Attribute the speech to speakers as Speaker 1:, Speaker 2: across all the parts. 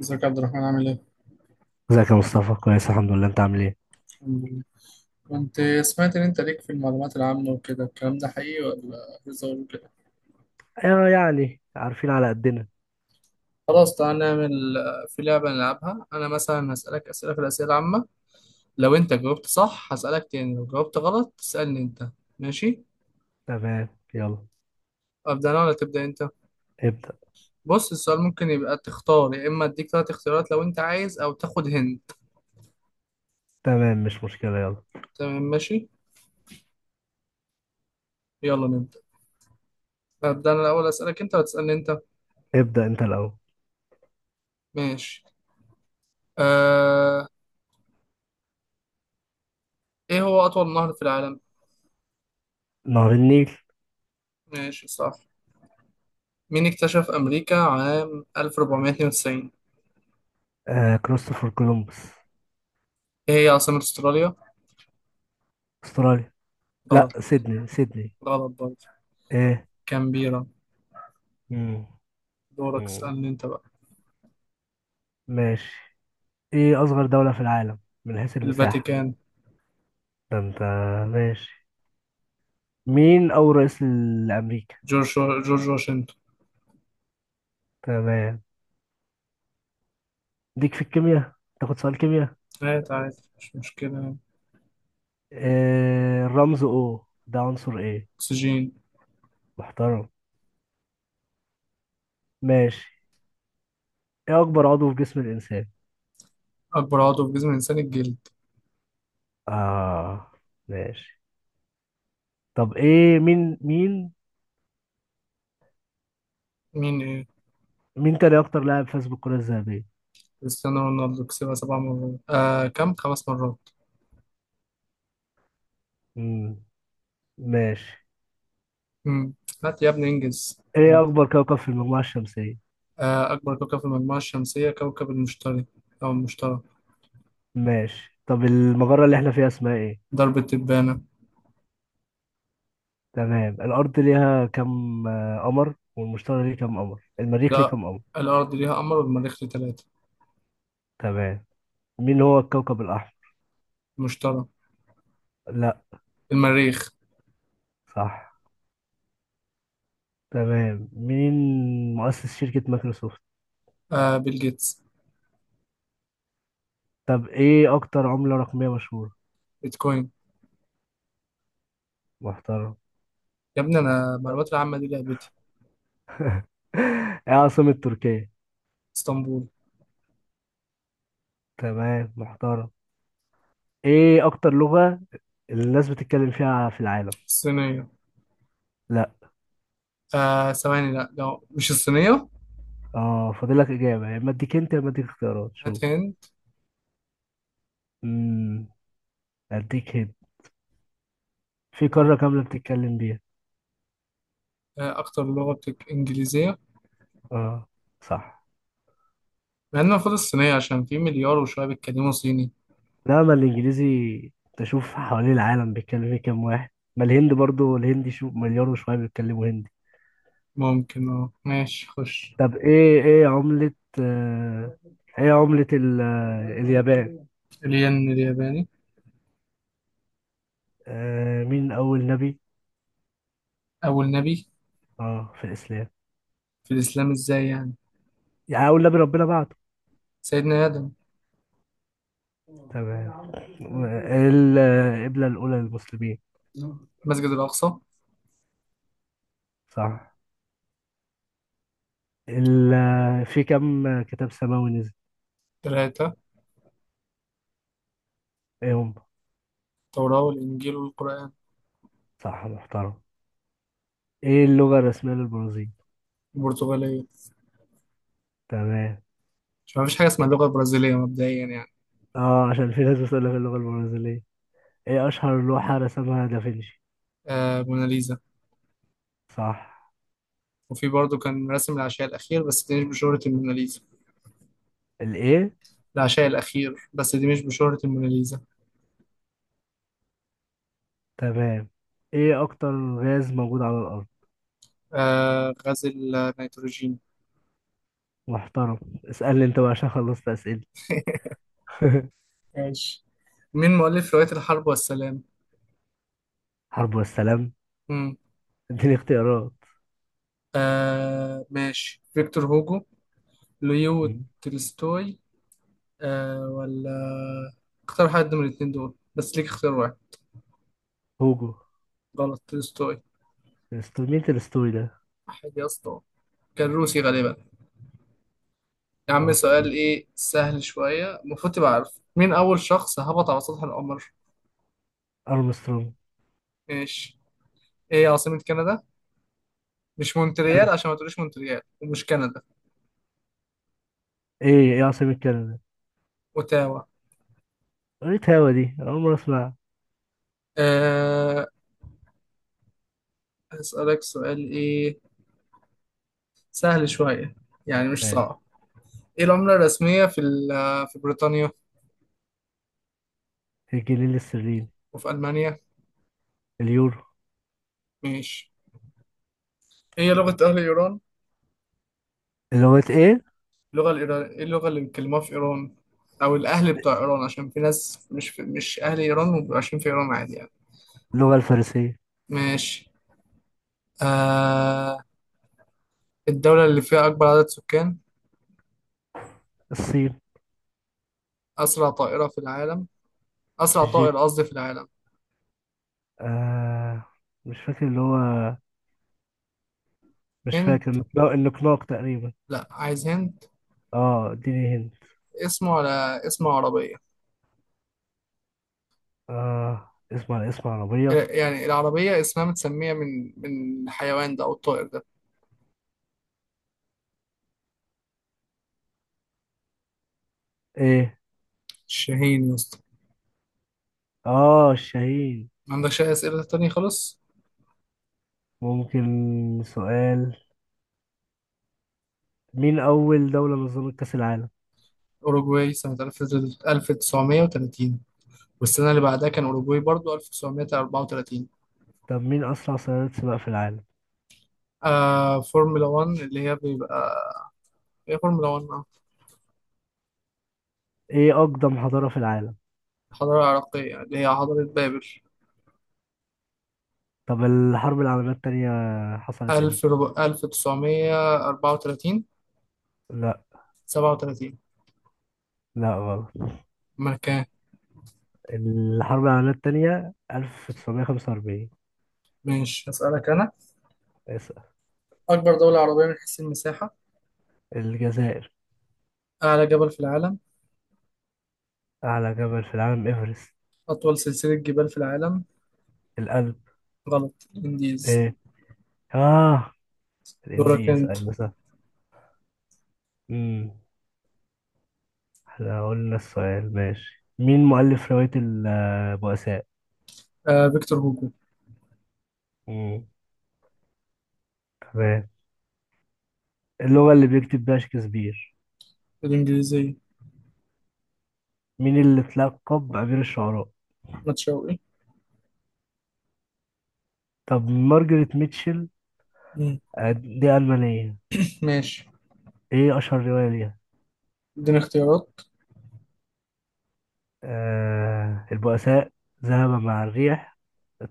Speaker 1: ازيك يا عبد الرحمن عامل ايه؟
Speaker 2: ازيك يا مصطفى؟ كويس الحمد لله، انت عامل ايه؟
Speaker 1: الحمد لله. كنت سمعت ان انت ليك في المعلومات العامة وكده، الكلام ده حقيقي ولا هزار وكده؟
Speaker 2: آه، يعني عارفين على قدنا.
Speaker 1: خلاص، تعالى نعمل في لعبة نلعبها. أنا مثلا هسألك أسئلة في الأسئلة العامة. لو أنت جاوبت صح هسألك تاني، لو جاوبت غلط تسألني أنت. ماشي؟
Speaker 2: تمام، يلا
Speaker 1: أبدأ أنا ولا تبدأ أنت؟
Speaker 2: ابدأ.
Speaker 1: بص، السؤال ممكن يبقى تختار، يا إما أديك تلات اختيارات لو أنت عايز أو تاخد هنت.
Speaker 2: تمام، مش مشكلة، يلا.
Speaker 1: تمام ماشي؟ يلا نبدأ. أبدأ أنا الأول، أسألك أنت وتسألني أنت.
Speaker 2: ابدأ انت الأول.
Speaker 1: ماشي. آه... إيه هو أطول نهر في العالم؟
Speaker 2: نهر النيل.
Speaker 1: ماشي صح. مين اكتشف أمريكا عام 1492؟
Speaker 2: آه، كريستوفر كولومبس.
Speaker 1: إيه هي عاصمة أستراليا؟
Speaker 2: استراليا. لا،
Speaker 1: غلط.
Speaker 2: سيدني سيدني.
Speaker 1: غلط برضه.
Speaker 2: ايه؟
Speaker 1: كامبيرا.
Speaker 2: مم.
Speaker 1: دورك،
Speaker 2: مم.
Speaker 1: اسألني أنت بقى.
Speaker 2: ماشي. ايه أصغر دولة في العالم من حيث المساحة؟
Speaker 1: الفاتيكان.
Speaker 2: ده انت. ماشي. مين أول رئيس لأمريكا؟
Speaker 1: جورج. جورج واشنطن.
Speaker 2: تمام. ليك في الكيمياء؟ تاخد سؤال كيمياء؟
Speaker 1: عادي عادي، مش مشكلة.
Speaker 2: آه، الرمز او ده عنصر ايه؟
Speaker 1: أكسجين.
Speaker 2: محترم. ماشي. ايه اكبر عضو في جسم الانسان؟
Speaker 1: أكبر عضو في جسم الإنسان الجلد.
Speaker 2: اه. ماشي. طب ايه مين مين
Speaker 1: مين إيه؟
Speaker 2: مين تاني اكتر لاعب فاز بالكرة الذهبية؟
Speaker 1: كريستيانو رونالدو كسبها سبع مرات، كم؟ خمس مرات.
Speaker 2: امم ماشي.
Speaker 1: مم. هات يا ابني، إنجز.
Speaker 2: ايه اكبر كوكب في المجموعة الشمسية؟
Speaker 1: أكبر كوكب في المجموعة الشمسية كوكب المشتري، أو المشتري.
Speaker 2: ماشي. طب المجرة اللي احنا فيها اسمها ايه؟
Speaker 1: درب التبانة.
Speaker 2: تمام. الارض ليها كم قمر، والمشتري ليه كم قمر، المريخ ليه
Speaker 1: لا،
Speaker 2: كم قمر؟
Speaker 1: الأرض ليها قمر والمريخ ليه تلاتة.
Speaker 2: تمام. مين هو الكوكب الاحمر؟
Speaker 1: مشتري.
Speaker 2: لا.
Speaker 1: المريخ.
Speaker 2: صح. تمام. مين مؤسس شركة مايكروسوفت؟
Speaker 1: بيل جيتس.
Speaker 2: طب ايه اكتر عملة رقمية مشهورة؟
Speaker 1: بيتكوين.
Speaker 2: محترم.
Speaker 1: يا ابني انا المعلومات العامه دي لعبتي.
Speaker 2: ايه عاصمة تركيا؟
Speaker 1: اسطنبول.
Speaker 2: تمام، محترم. ايه اكتر لغة الناس بتتكلم فيها في العالم؟
Speaker 1: الصينيه.
Speaker 2: لا.
Speaker 1: ثواني، لا لو مش الصينيه.
Speaker 2: اه فاضلك اجابة، يا اما اديك انت، يا اما اديك اختيارات، شوف.
Speaker 1: هات هند.
Speaker 2: امم اديك هنا. في
Speaker 1: آه.
Speaker 2: قارة كاملة بتتكلم بيها.
Speaker 1: اكتر لغه انجليزيه.
Speaker 2: اه. صح.
Speaker 1: مع ان المفروض الصينيه عشان في مليار وشويه بيتكلموا صيني.
Speaker 2: لا، ما الانجليزي تشوف حوالين العالم بيتكلم فيه كام واحد. ما الهند برضو الهندي شو مليار وشوية بيتكلموا هندي.
Speaker 1: ممكن. اه ماشي، خش.
Speaker 2: طب ايه عملة آه اليابان؟
Speaker 1: الين الياباني.
Speaker 2: آه، مين اول نبي؟
Speaker 1: اول نبي.
Speaker 2: اه، في الاسلام.
Speaker 1: في الاسلام ازاي يعني؟
Speaker 2: يعني أقول نبي ربنا بعته.
Speaker 1: سيدنا ادم.
Speaker 2: تمام. القبلة الأولى للمسلمين.
Speaker 1: مسجد الاقصى.
Speaker 2: صح ال... في كم كتاب سماوي نزل؟
Speaker 1: ثلاثه.
Speaker 2: ايه هم؟
Speaker 1: التوراه والانجيل والقران.
Speaker 2: صح، محترم. ايه اللغة الرسمية للبرازيل؟
Speaker 1: البرتغاليه.
Speaker 2: تمام.
Speaker 1: مش، مفيش حاجه اسمها اللغه البرازيليه مبدئيا يعني.
Speaker 2: اه عشان في ناس بتقول لك اللغة البرازيلية. ايه اشهر لوحة رسمها دافنشي؟
Speaker 1: موناليزا.
Speaker 2: صح.
Speaker 1: وفي برضه كان رسم العشاء الأخير بس دي مش بشهرة الموناليزا.
Speaker 2: الايه؟
Speaker 1: العشاء الأخير بس دي مش بشهرة الموناليزا.
Speaker 2: تمام. ايه اكتر غاز موجود على الارض؟
Speaker 1: غزل. نيتروجين.
Speaker 2: محترم. اسألني انت بقى عشان خلصت اسئلة.
Speaker 1: ماشي. مين مؤلف رواية الحرب والسلام؟
Speaker 2: حرب والسلام.
Speaker 1: مم.
Speaker 2: اديني اختيارات.
Speaker 1: ماشي، فيكتور هوجو، ليو
Speaker 2: مم.
Speaker 1: تولستوي. ولا اختار حد من الاتنين دول بس، ليك اختيار واحد.
Speaker 2: هوجو.
Speaker 1: غلط، تولستوي.
Speaker 2: مين الستوري ده؟
Speaker 1: حاجة يا اسطى، كان روسي غالبا. يا
Speaker 2: ما
Speaker 1: عم سؤال
Speaker 2: اعتقدش.
Speaker 1: ايه سهل شوية المفروض تبقى عارف. مين أول شخص هبط على سطح القمر؟
Speaker 2: ارمسترونج.
Speaker 1: ماشي. ايه عاصمة كندا؟ مش مونتريال، عشان ما تقوليش مونتريال ومش كندا.
Speaker 2: ايه عاصمة كندا؟
Speaker 1: اوتاوا.
Speaker 2: قريت هوا، دي أنا اول مرة اسمعها.
Speaker 1: أه. هسألك سؤال ايه سهل شوية، يعني مش
Speaker 2: ماشي.
Speaker 1: صعب. ايه العملة الرسمية في بريطانيا؟
Speaker 2: الجنيه الاسترليني.
Speaker 1: وفي ألمانيا؟
Speaker 2: اليورو.
Speaker 1: ماشي. ايه لغة أهل إيران؟
Speaker 2: اللغة ايه؟
Speaker 1: اللغة الإيران ايه؟ اللغة اللي بيتكلموها في إيران، أو الأهل بتوع إيران، عشان في ناس مش أهل إيران وبيبقوا عايشين في إيران عادي يعني.
Speaker 2: اللغة الفارسية.
Speaker 1: ماشي. أه الدولة اللي فيها أكبر عدد سكان.
Speaker 2: الصين.
Speaker 1: أسرع طائرة في العالم. أسرع
Speaker 2: الجيت.
Speaker 1: طائر قصدي في العالم.
Speaker 2: آه مش فاكر اللي هو. مش
Speaker 1: هند.
Speaker 2: فاكر النقلاق تقريبا.
Speaker 1: لا عايز هند.
Speaker 2: اه، اديني هند.
Speaker 1: اسمه على اسم عربية.
Speaker 2: اه، اسم على اسم عربية.
Speaker 1: يعني العربية اسمها متسمية من الحيوان ده أو الطائر ده.
Speaker 2: ايه.
Speaker 1: الشاهين يا اسطى.
Speaker 2: اه، الشهيد.
Speaker 1: ما عندكش أي أسئلة تانية خالص.
Speaker 2: ممكن سؤال. مين أول دولة نظمت كأس العالم؟
Speaker 1: أوروجواي سنة 1930، والسنة اللي بعدها كان أوروجواي برضو 1934.
Speaker 2: طب مين أسرع سيارات سباق في العالم؟
Speaker 1: فورمولا 1 اللي هي بيبقى. هي فورمولا 1،
Speaker 2: ايه اقدم حضارة في العالم؟
Speaker 1: الحضارة العراقية يعني، اللي هي حضارة بابل.
Speaker 2: طب الحرب العالمية التانية حصلت
Speaker 1: 1000.
Speaker 2: امتى؟
Speaker 1: 1934.
Speaker 2: لا.
Speaker 1: 37.
Speaker 2: لا، غلط.
Speaker 1: ما كان.
Speaker 2: الحرب العالمية التانية 1945.
Speaker 1: ماشي، أسألك أنا.
Speaker 2: اسأل.
Speaker 1: أكبر دولة عربية من حيث المساحة.
Speaker 2: الجزائر.
Speaker 1: أعلى جبل في العالم.
Speaker 2: أعلى جبل في العالم إيفرست.
Speaker 1: أطول سلسلة جبال في العالم.
Speaker 2: القلب.
Speaker 1: غلط، إنديز.
Speaker 2: إيه. آه،
Speaker 1: دورك
Speaker 2: الإنديز،
Speaker 1: أنت.
Speaker 2: أيوة صح. أمم إحنا قلنا السؤال ماشي. مين مؤلف رواية البؤساء؟
Speaker 1: فيكتور هوجو.
Speaker 2: أمم تمام. اللغة اللي بيكتب بيها شكسبير.
Speaker 1: الإنجليزية.
Speaker 2: مين اللي اتلقب بأمير الشعراء؟
Speaker 1: أحمد شوقي.
Speaker 2: طب مارجريت ميتشل.
Speaker 1: مم.
Speaker 2: دي ألمانية.
Speaker 1: ماشي.
Speaker 2: ايه اشهر رواية ليها؟
Speaker 1: إديني اختيارات.
Speaker 2: البؤساء، ذهب مع الريح،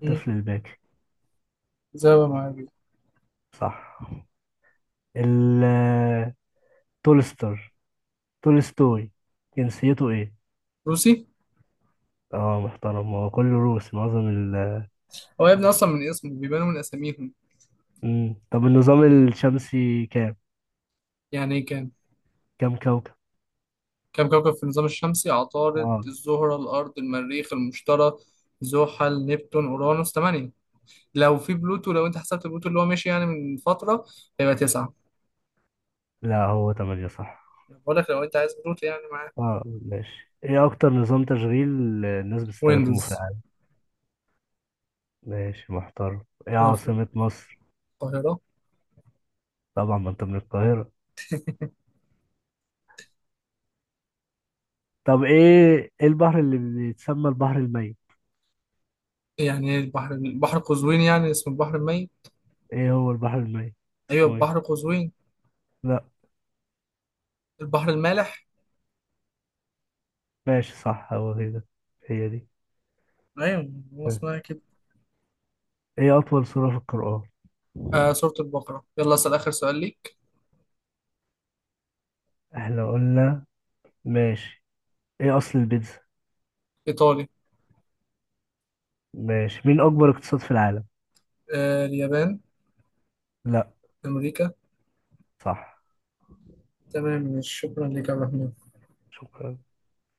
Speaker 1: مم.
Speaker 2: الباكي.
Speaker 1: زي ما معايا.
Speaker 2: صح. ال تولستر تولستوي جنسيته ايه؟
Speaker 1: روسي.
Speaker 2: اه، محترم، هو كله روسي معظم.
Speaker 1: هو يا ابني أصلا من اسمه بيبانوا من أساميهم.
Speaker 2: مم. طب النظام الشمسي كام
Speaker 1: يعني إيه كام؟
Speaker 2: كام كوكب.
Speaker 1: كام كوكب في النظام الشمسي. عطارد،
Speaker 2: اه.
Speaker 1: الزهرة، الأرض، المريخ، المشتري، زحل، نبتون، أورانوس. تمانية. لو في بلوتو، لو أنت حسبت بلوتو اللي هو مشي يعني من فترة، هيبقى تسعة.
Speaker 2: لا، هو تمانية صح.
Speaker 1: بقول لك لو انت عايز بلوتو يعني معاك.
Speaker 2: اه، ماشي. ايه اكتر نظام تشغيل الناس بتستخدمه في
Speaker 1: ويندوز.
Speaker 2: العالم؟ ماشي، محترم. ايه
Speaker 1: لو في.
Speaker 2: عاصمة مصر؟
Speaker 1: القاهرة.
Speaker 2: طبعا ما انت من القاهرة. طب ايه البحر اللي بيتسمى البحر الميت؟
Speaker 1: يعني ايه البحر؟ البحر قزوين يعني اسمه البحر الميت؟
Speaker 2: ايه هو البحر الميت
Speaker 1: ايوه،
Speaker 2: اسمه ايه؟
Speaker 1: البحر قزوين.
Speaker 2: لا.
Speaker 1: البحر المالح.
Speaker 2: ماشي، صح، هو كده. هي دي.
Speaker 1: ايوه هو اسمها كده.
Speaker 2: ايه اطول سورة في القرآن؟
Speaker 1: سورة البقرة. يلا، اسأل آخر سؤال ليك.
Speaker 2: احنا قلنا ماشي. ايه اصل البيتزا؟
Speaker 1: إيطالي.
Speaker 2: ماشي، مين اكبر اقتصاد في العالم؟
Speaker 1: اليابان.
Speaker 2: لا.
Speaker 1: أمريكا.
Speaker 2: صح.
Speaker 1: تمام، شكرا لك يا عبد الرحمن.
Speaker 2: شكرا.